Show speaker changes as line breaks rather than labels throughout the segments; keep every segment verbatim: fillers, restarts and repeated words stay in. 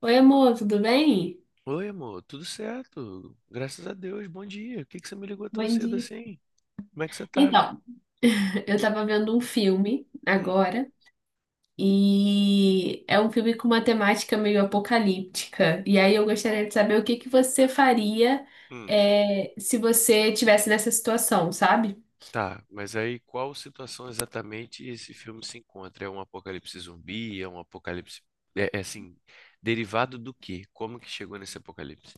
Oi, amor, tudo bem?
Oi, amor, tudo certo? Graças a Deus, bom dia. Por que que você me ligou tão
Bom
cedo
dia.
assim? Como é que você tá?
Então, eu tava vendo um filme
Hum,
agora e é um filme com uma temática meio apocalíptica. E aí eu gostaria de saber o que que você faria
hum,
é, se você tivesse nessa situação, sabe?
tá, mas aí qual situação exatamente esse filme se encontra? É um apocalipse zumbi? É um apocalipse. É, é assim, derivado do quê? Como que chegou nesse apocalipse?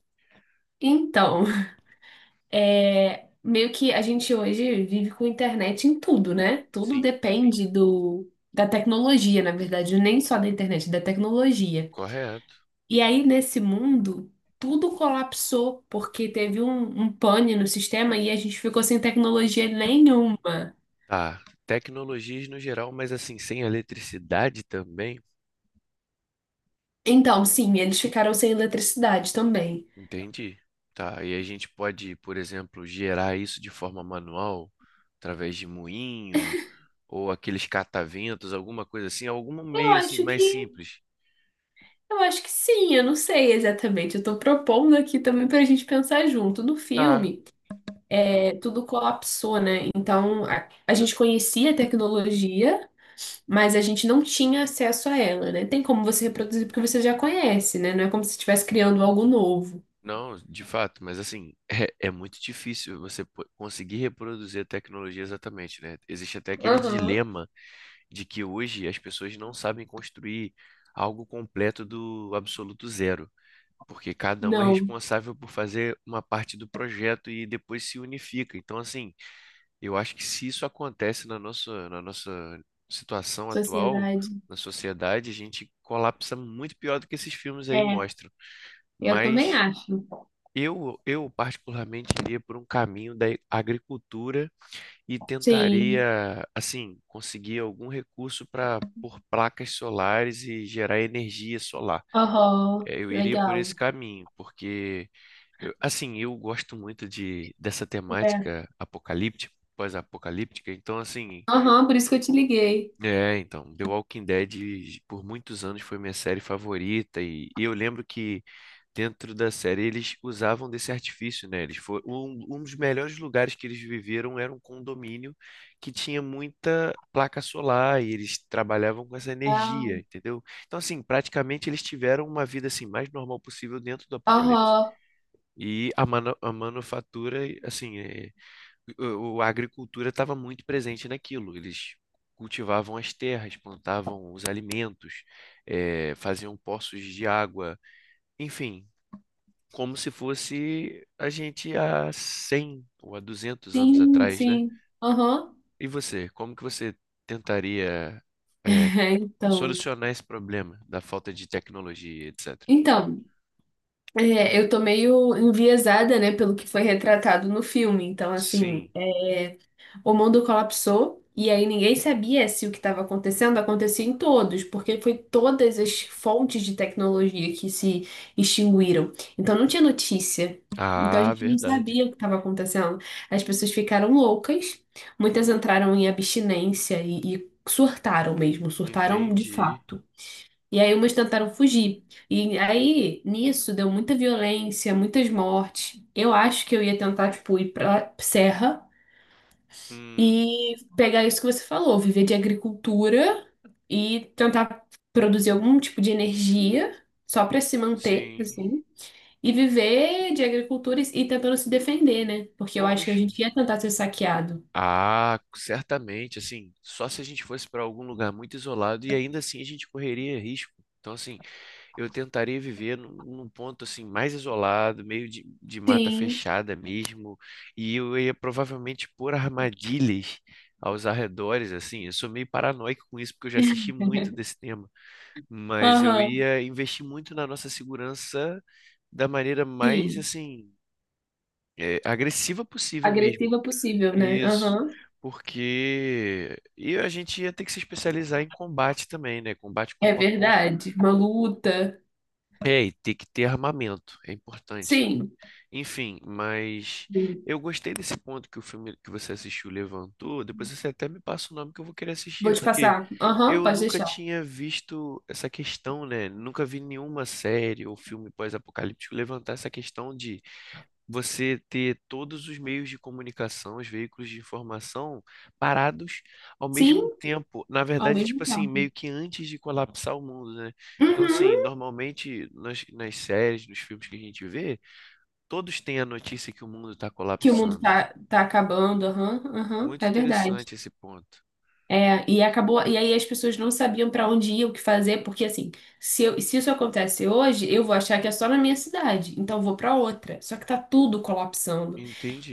Então, é, meio que a gente hoje vive com internet em tudo, né? Tudo
Sim.
depende do, da tecnologia, na verdade, nem só da internet, da tecnologia.
Correto.
E aí, nesse mundo, tudo colapsou porque teve um, um pane no sistema e a gente ficou sem tecnologia nenhuma.
Tá, tecnologias no geral, mas assim, sem eletricidade também?
Então, sim, eles ficaram sem eletricidade também.
Entendi. Tá, e a gente pode, por exemplo, gerar isso de forma manual? Através de moinho, ou aqueles cataventos, alguma coisa assim, algum
Eu
meio assim
acho
mais
que,
simples.
eu acho que sim, eu não sei exatamente. Eu tô propondo aqui também pra gente pensar junto. No
Tá.
filme,
Hum.
é, tudo colapsou, né? Então, a, a gente conhecia a tecnologia, mas a gente não tinha acesso a ela, né? Tem como você reproduzir porque você já conhece, né? Não é como se estivesse criando algo novo.
Não, de fato, mas assim, é, é muito difícil você po- conseguir reproduzir a tecnologia exatamente, né? Existe até aquele
Aham.
dilema de que hoje as pessoas não sabem construir algo completo do absoluto zero, porque cada um é
Não,
responsável por fazer uma parte do projeto e depois se unifica. Então, assim, eu acho que se isso acontece na nossa, na nossa situação atual,
sociedade.
na sociedade, a gente colapsa muito pior do que esses filmes aí
É,
mostram.
eu também
Mas
acho.
eu, eu particularmente iria por um caminho da agricultura e
Sim.
tentaria, assim, conseguir algum recurso para pôr placas solares e gerar energia solar.
Aham,
Eh, Eu iria por esse
legal.
caminho, porque, eu- assim, eu gosto muito de, dessa
É.
temática apocalíptica pós-apocalíptica. Então, assim,
Aham, por isso que eu te liguei.
é, então, The Walking Dead por muitos anos foi minha série favorita e, e eu lembro que dentro da série eles usavam desse artifício, né? Eles foram um, um dos melhores lugares que eles viveram era um condomínio que tinha muita placa solar e eles trabalhavam com essa
Ah.
energia, entendeu? Então, assim, praticamente eles tiveram uma vida assim mais normal possível dentro do apocalipse.
Aham,
E a, manu- a manufatura, assim, é, o- a agricultura estava muito presente naquilo. Eles cultivavam as terras, plantavam os alimentos, eh, faziam poços de água, enfim, como se fosse a gente há cem ou há duzentos anos
sim,
atrás, né?
sim. Aham.
E você, como que você tentaria, eh,
É, então.
solucionar esse problema da falta de tecnologia, etc?
Então, é, eu tô meio enviesada, né, pelo que foi retratado no filme. Então, assim,
Sim.
é, o mundo colapsou e aí ninguém sabia se o que estava acontecendo acontecia em todos, porque foi todas as fontes de tecnologia que se extinguiram. Então não tinha notícia. Então a
Ah,
gente não
verdade.
sabia o que estava acontecendo. As pessoas ficaram loucas, muitas entraram em abstinência e, e surtaram mesmo, surtaram de
Entendi.
fato. E aí umas tentaram fugir. E aí, nisso, deu muita violência, muitas mortes. Eu acho que eu ia tentar, tipo, ir pra serra
Hum,
e pegar isso que você falou, viver de agricultura e tentar produzir algum tipo de energia só para se manter,
sim.
assim, e viver de agricultura e e tentando se defender, né? Porque eu acho que a
Poxa.
gente ia tentar ser saqueado.
Ah, certamente, assim, só se a gente fosse para algum lugar muito isolado e ainda assim a gente correria risco. Então, assim, eu tentaria viver num, num ponto assim mais isolado, meio de, de mata
Sim.
fechada mesmo, e eu ia provavelmente pôr armadilhas aos arredores, assim. Eu sou meio paranoico com isso porque eu já assisti muito desse tema, mas eu
Aham,
ia investir muito na nossa segurança da maneira mais
sim.
assim, eh, agressiva possível mesmo.
Agressiva possível, né?
Isso,
Aham.
porque e a gente ia ter que se especializar em combate também, né? Combate
É
corpo a corpo.
verdade. Uma luta.
É, e ter que ter armamento, é importante.
Sim.
Enfim, mas
Sim.
eu gostei desse ponto que o filme que você assistiu levantou. Depois você até me passa o nome que eu vou querer assistir,
Vou te
porque
passar. Aham,
eu
pode
nunca
deixar.
tinha visto essa questão, né? Nunca vi nenhuma série ou filme pós-apocalíptico levantar essa questão de você ter todos os meios de comunicação, os veículos de informação parados ao
Sim,
mesmo tempo. Na
ao
verdade, tipo
mesmo
assim,
tempo.
meio que antes de colapsar o mundo, né? Então, assim,
Uhum.
normalmente nas, nas séries, nos filmes que a gente vê, todos têm a notícia que o mundo está
Que o mundo
colapsando.
tá, tá acabando, aham, aham,
Muito
é verdade.
interessante esse ponto.
É, e acabou, e aí as pessoas não sabiam pra onde ir, o que fazer, porque assim, se, eu- se isso acontece hoje, eu vou achar que é só na minha cidade, então eu vou pra outra. Só que tá tudo colapsando.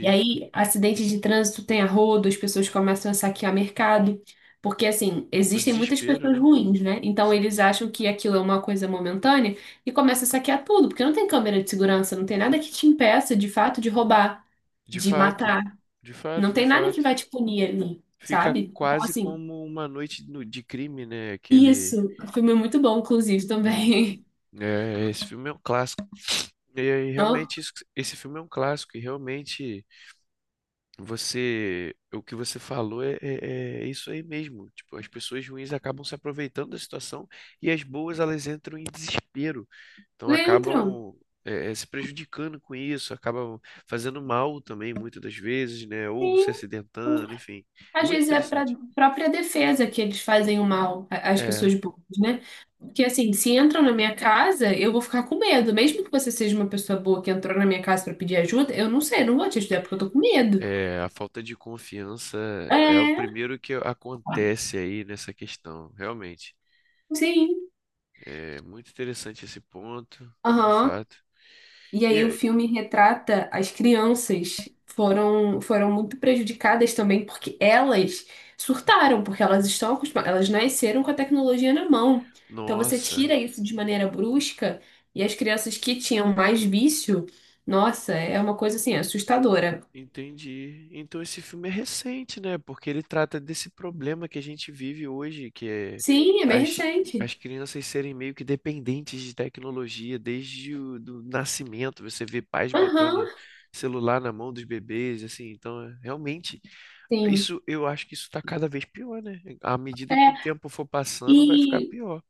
E aí, acidentes de trânsito tem a rodo, as pessoas começam a saquear mercado, porque assim,
O
existem muitas
desespero,
pessoas
né?
ruins, né? Então eles
Sim.
acham que aquilo é uma coisa momentânea e começam a saquear tudo, porque não tem câmera de segurança, não tem nada que te impeça de fato de roubar,
De
de
fato,
matar.
de fato,
Não
de
tem nada que vai
fato.
te punir ali,
Fica
sabe? Então,
quase
assim,
como uma noite no- de crime, né? Aquele.
isso. O filme é muito bom, inclusive,
É,
também.
é, esse filme é um clássico. E aí,
Ó,
realmente, isso, que- esse filme é um clássico, e realmente você, o que você falou é, é- é isso aí mesmo. Tipo, as pessoas ruins acabam se aproveitando da situação e as boas elas entram em desespero. Então
Leandro,
acabam é, é, se prejudicando com isso, acabam fazendo mal também muitas das vezes, né? Ou se
sim.
acidentando, enfim.
Às
Muito
vezes é para
interessante.
própria defesa que eles fazem o mal a- às
É,
pessoas boas, né? Porque, assim, se entram na minha casa, eu vou ficar com medo. Mesmo que você seja uma pessoa boa que entrou na minha casa para pedir ajuda, eu não sei, não vou te ajudar porque eu tô com medo.
é, a falta de confiança é o
É,
primeiro que acontece aí nessa questão, realmente.
sim.
É muito interessante esse ponto, de
Aham.
fato.
E
E
aí o
aí,
filme retrata as crianças foram foram muito prejudicadas também porque elas surtaram, porque elas estão acostumadas, elas nasceram com a tecnologia na mão. Então você
nossa,
tira isso de maneira brusca e as crianças que tinham mais vício, nossa, é uma coisa assim assustadora.
entendi. Então esse filme é recente, né? Porque ele trata desse problema que a gente vive hoje, que é
Sim, é bem
as,
recente.
as crianças serem meio que dependentes de tecnologia desde o do nascimento. Você vê pais
Aham,
botando celular na mão dos bebês, assim. Então, é- realmente,
sim.
isso eu acho que isso está cada vez pior, né? À medida que o
É,
tempo for passando, vai ficar
e
pior.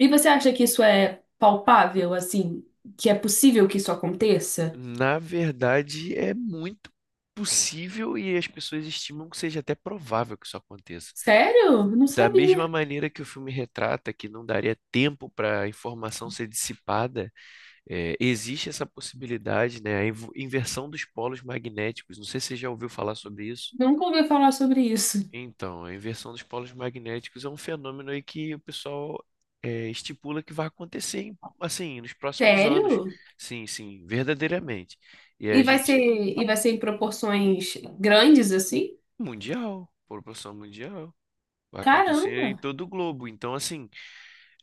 e você acha que isso é palpável assim, que é possível que isso aconteça?
Na verdade, é muito possível e as pessoas estimam que seja até provável que isso aconteça.
Sério? Não
Da mesma
sabia.
maneira que o filme retrata que não daria tempo para a informação ser dissipada, eh, existe essa possibilidade, né? A invo- inversão dos polos magnéticos. Não sei se você já ouviu falar sobre isso.
Nunca ouvi falar sobre isso.
Então, a inversão dos polos magnéticos é um fenômeno aí que o pessoal eh, estipula que vai acontecer, em- assim, nos próximos anos.
Sério?
Sim, sim, verdadeiramente. E
E
a
vai ser,
gente
e vai ser em proporções grandes assim?
mundial, proporção mundial. Vai acontecer em
Caramba,
todo o globo. Então, assim,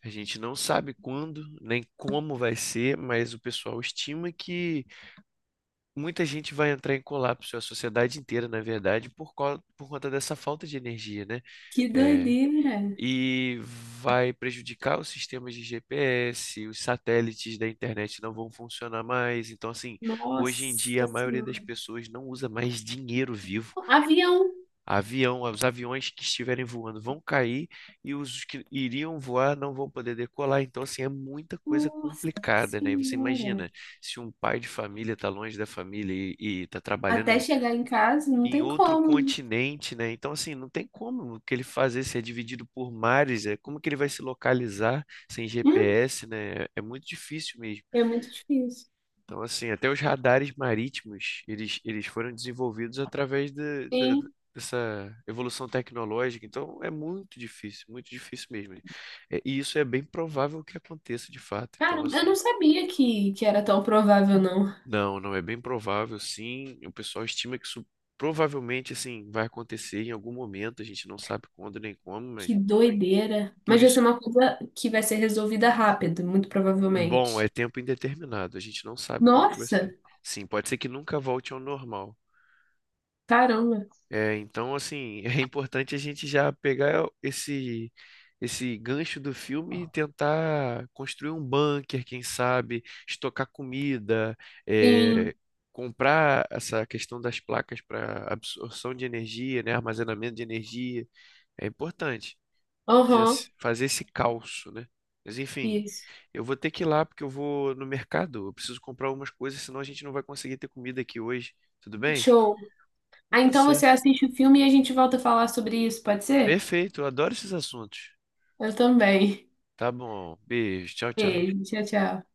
a gente não sabe quando nem como vai ser, mas o pessoal estima que muita gente vai entrar em colapso, a sociedade inteira, na verdade, por, co- por conta dessa falta de energia, né?
que
É,
doideira!
e vai prejudicar os sistemas de G P S, os satélites da internet não vão funcionar mais. Então, assim, hoje em dia
Nossa
a maioria das
Senhora.
pessoas não usa mais dinheiro vivo.
Avião.
Avião, os aviões que estiverem voando vão cair e os que iriam voar não vão poder decolar. Então, assim, é muita coisa
Nossa
complicada, né? E você
Senhora.
imagina, se um pai de família está longe da família e está trabalhando
Até
em,
chegar em casa, não
em
tem
outro
como, né?
continente, né? Então, assim, não tem como o que ele fazer se é dividido por mares, é como que ele vai se localizar sem
Hum,
G P S, né? É muito difícil mesmo.
é muito difícil.
Então, assim, até os radares marítimos, eles, eles foram desenvolvidos através de- de-
Sim.
dessa evolução tecnológica. Então, é muito difícil, muito difícil mesmo. Né? É, e isso é bem provável que aconteça de fato. Então,
Caramba, eu não
assim,
sabia que, que era tão provável, não.
não, não é bem provável, sim. O pessoal estima que isso provavelmente, assim, vai acontecer em algum momento. A gente não sabe quando nem como, mas
Que doideira.
por
Mas vai
isso,
ser uma coisa que vai ser resolvida rápido, muito
bom, é
provavelmente.
tempo indeterminado. A gente não sabe como que vai
Nossa,
ser. Sim, pode ser que nunca volte ao normal.
caramba.
É, então, assim, é importante a gente já pegar esse esse gancho do filme e tentar construir um bunker, quem sabe, estocar comida,
Sim.
é, comprar essa questão das placas para absorção de energia, né, armazenamento de energia. É importante já
Aham.
se- fazer esse calço, né? Mas, enfim,
Isso.
eu vou ter que ir lá porque eu vou no mercado. Eu preciso comprar algumas coisas, senão a gente não vai conseguir ter comida aqui hoje. Tudo bem?
Show.
Então
Ah,
tá
então você
certo.
assiste o filme e a gente volta a falar sobre isso, pode ser?
Perfeito, eu adoro esses assuntos.
Eu também.
Tá bom, beijo, tchau, tchau.
Beijo, tchau, tchau.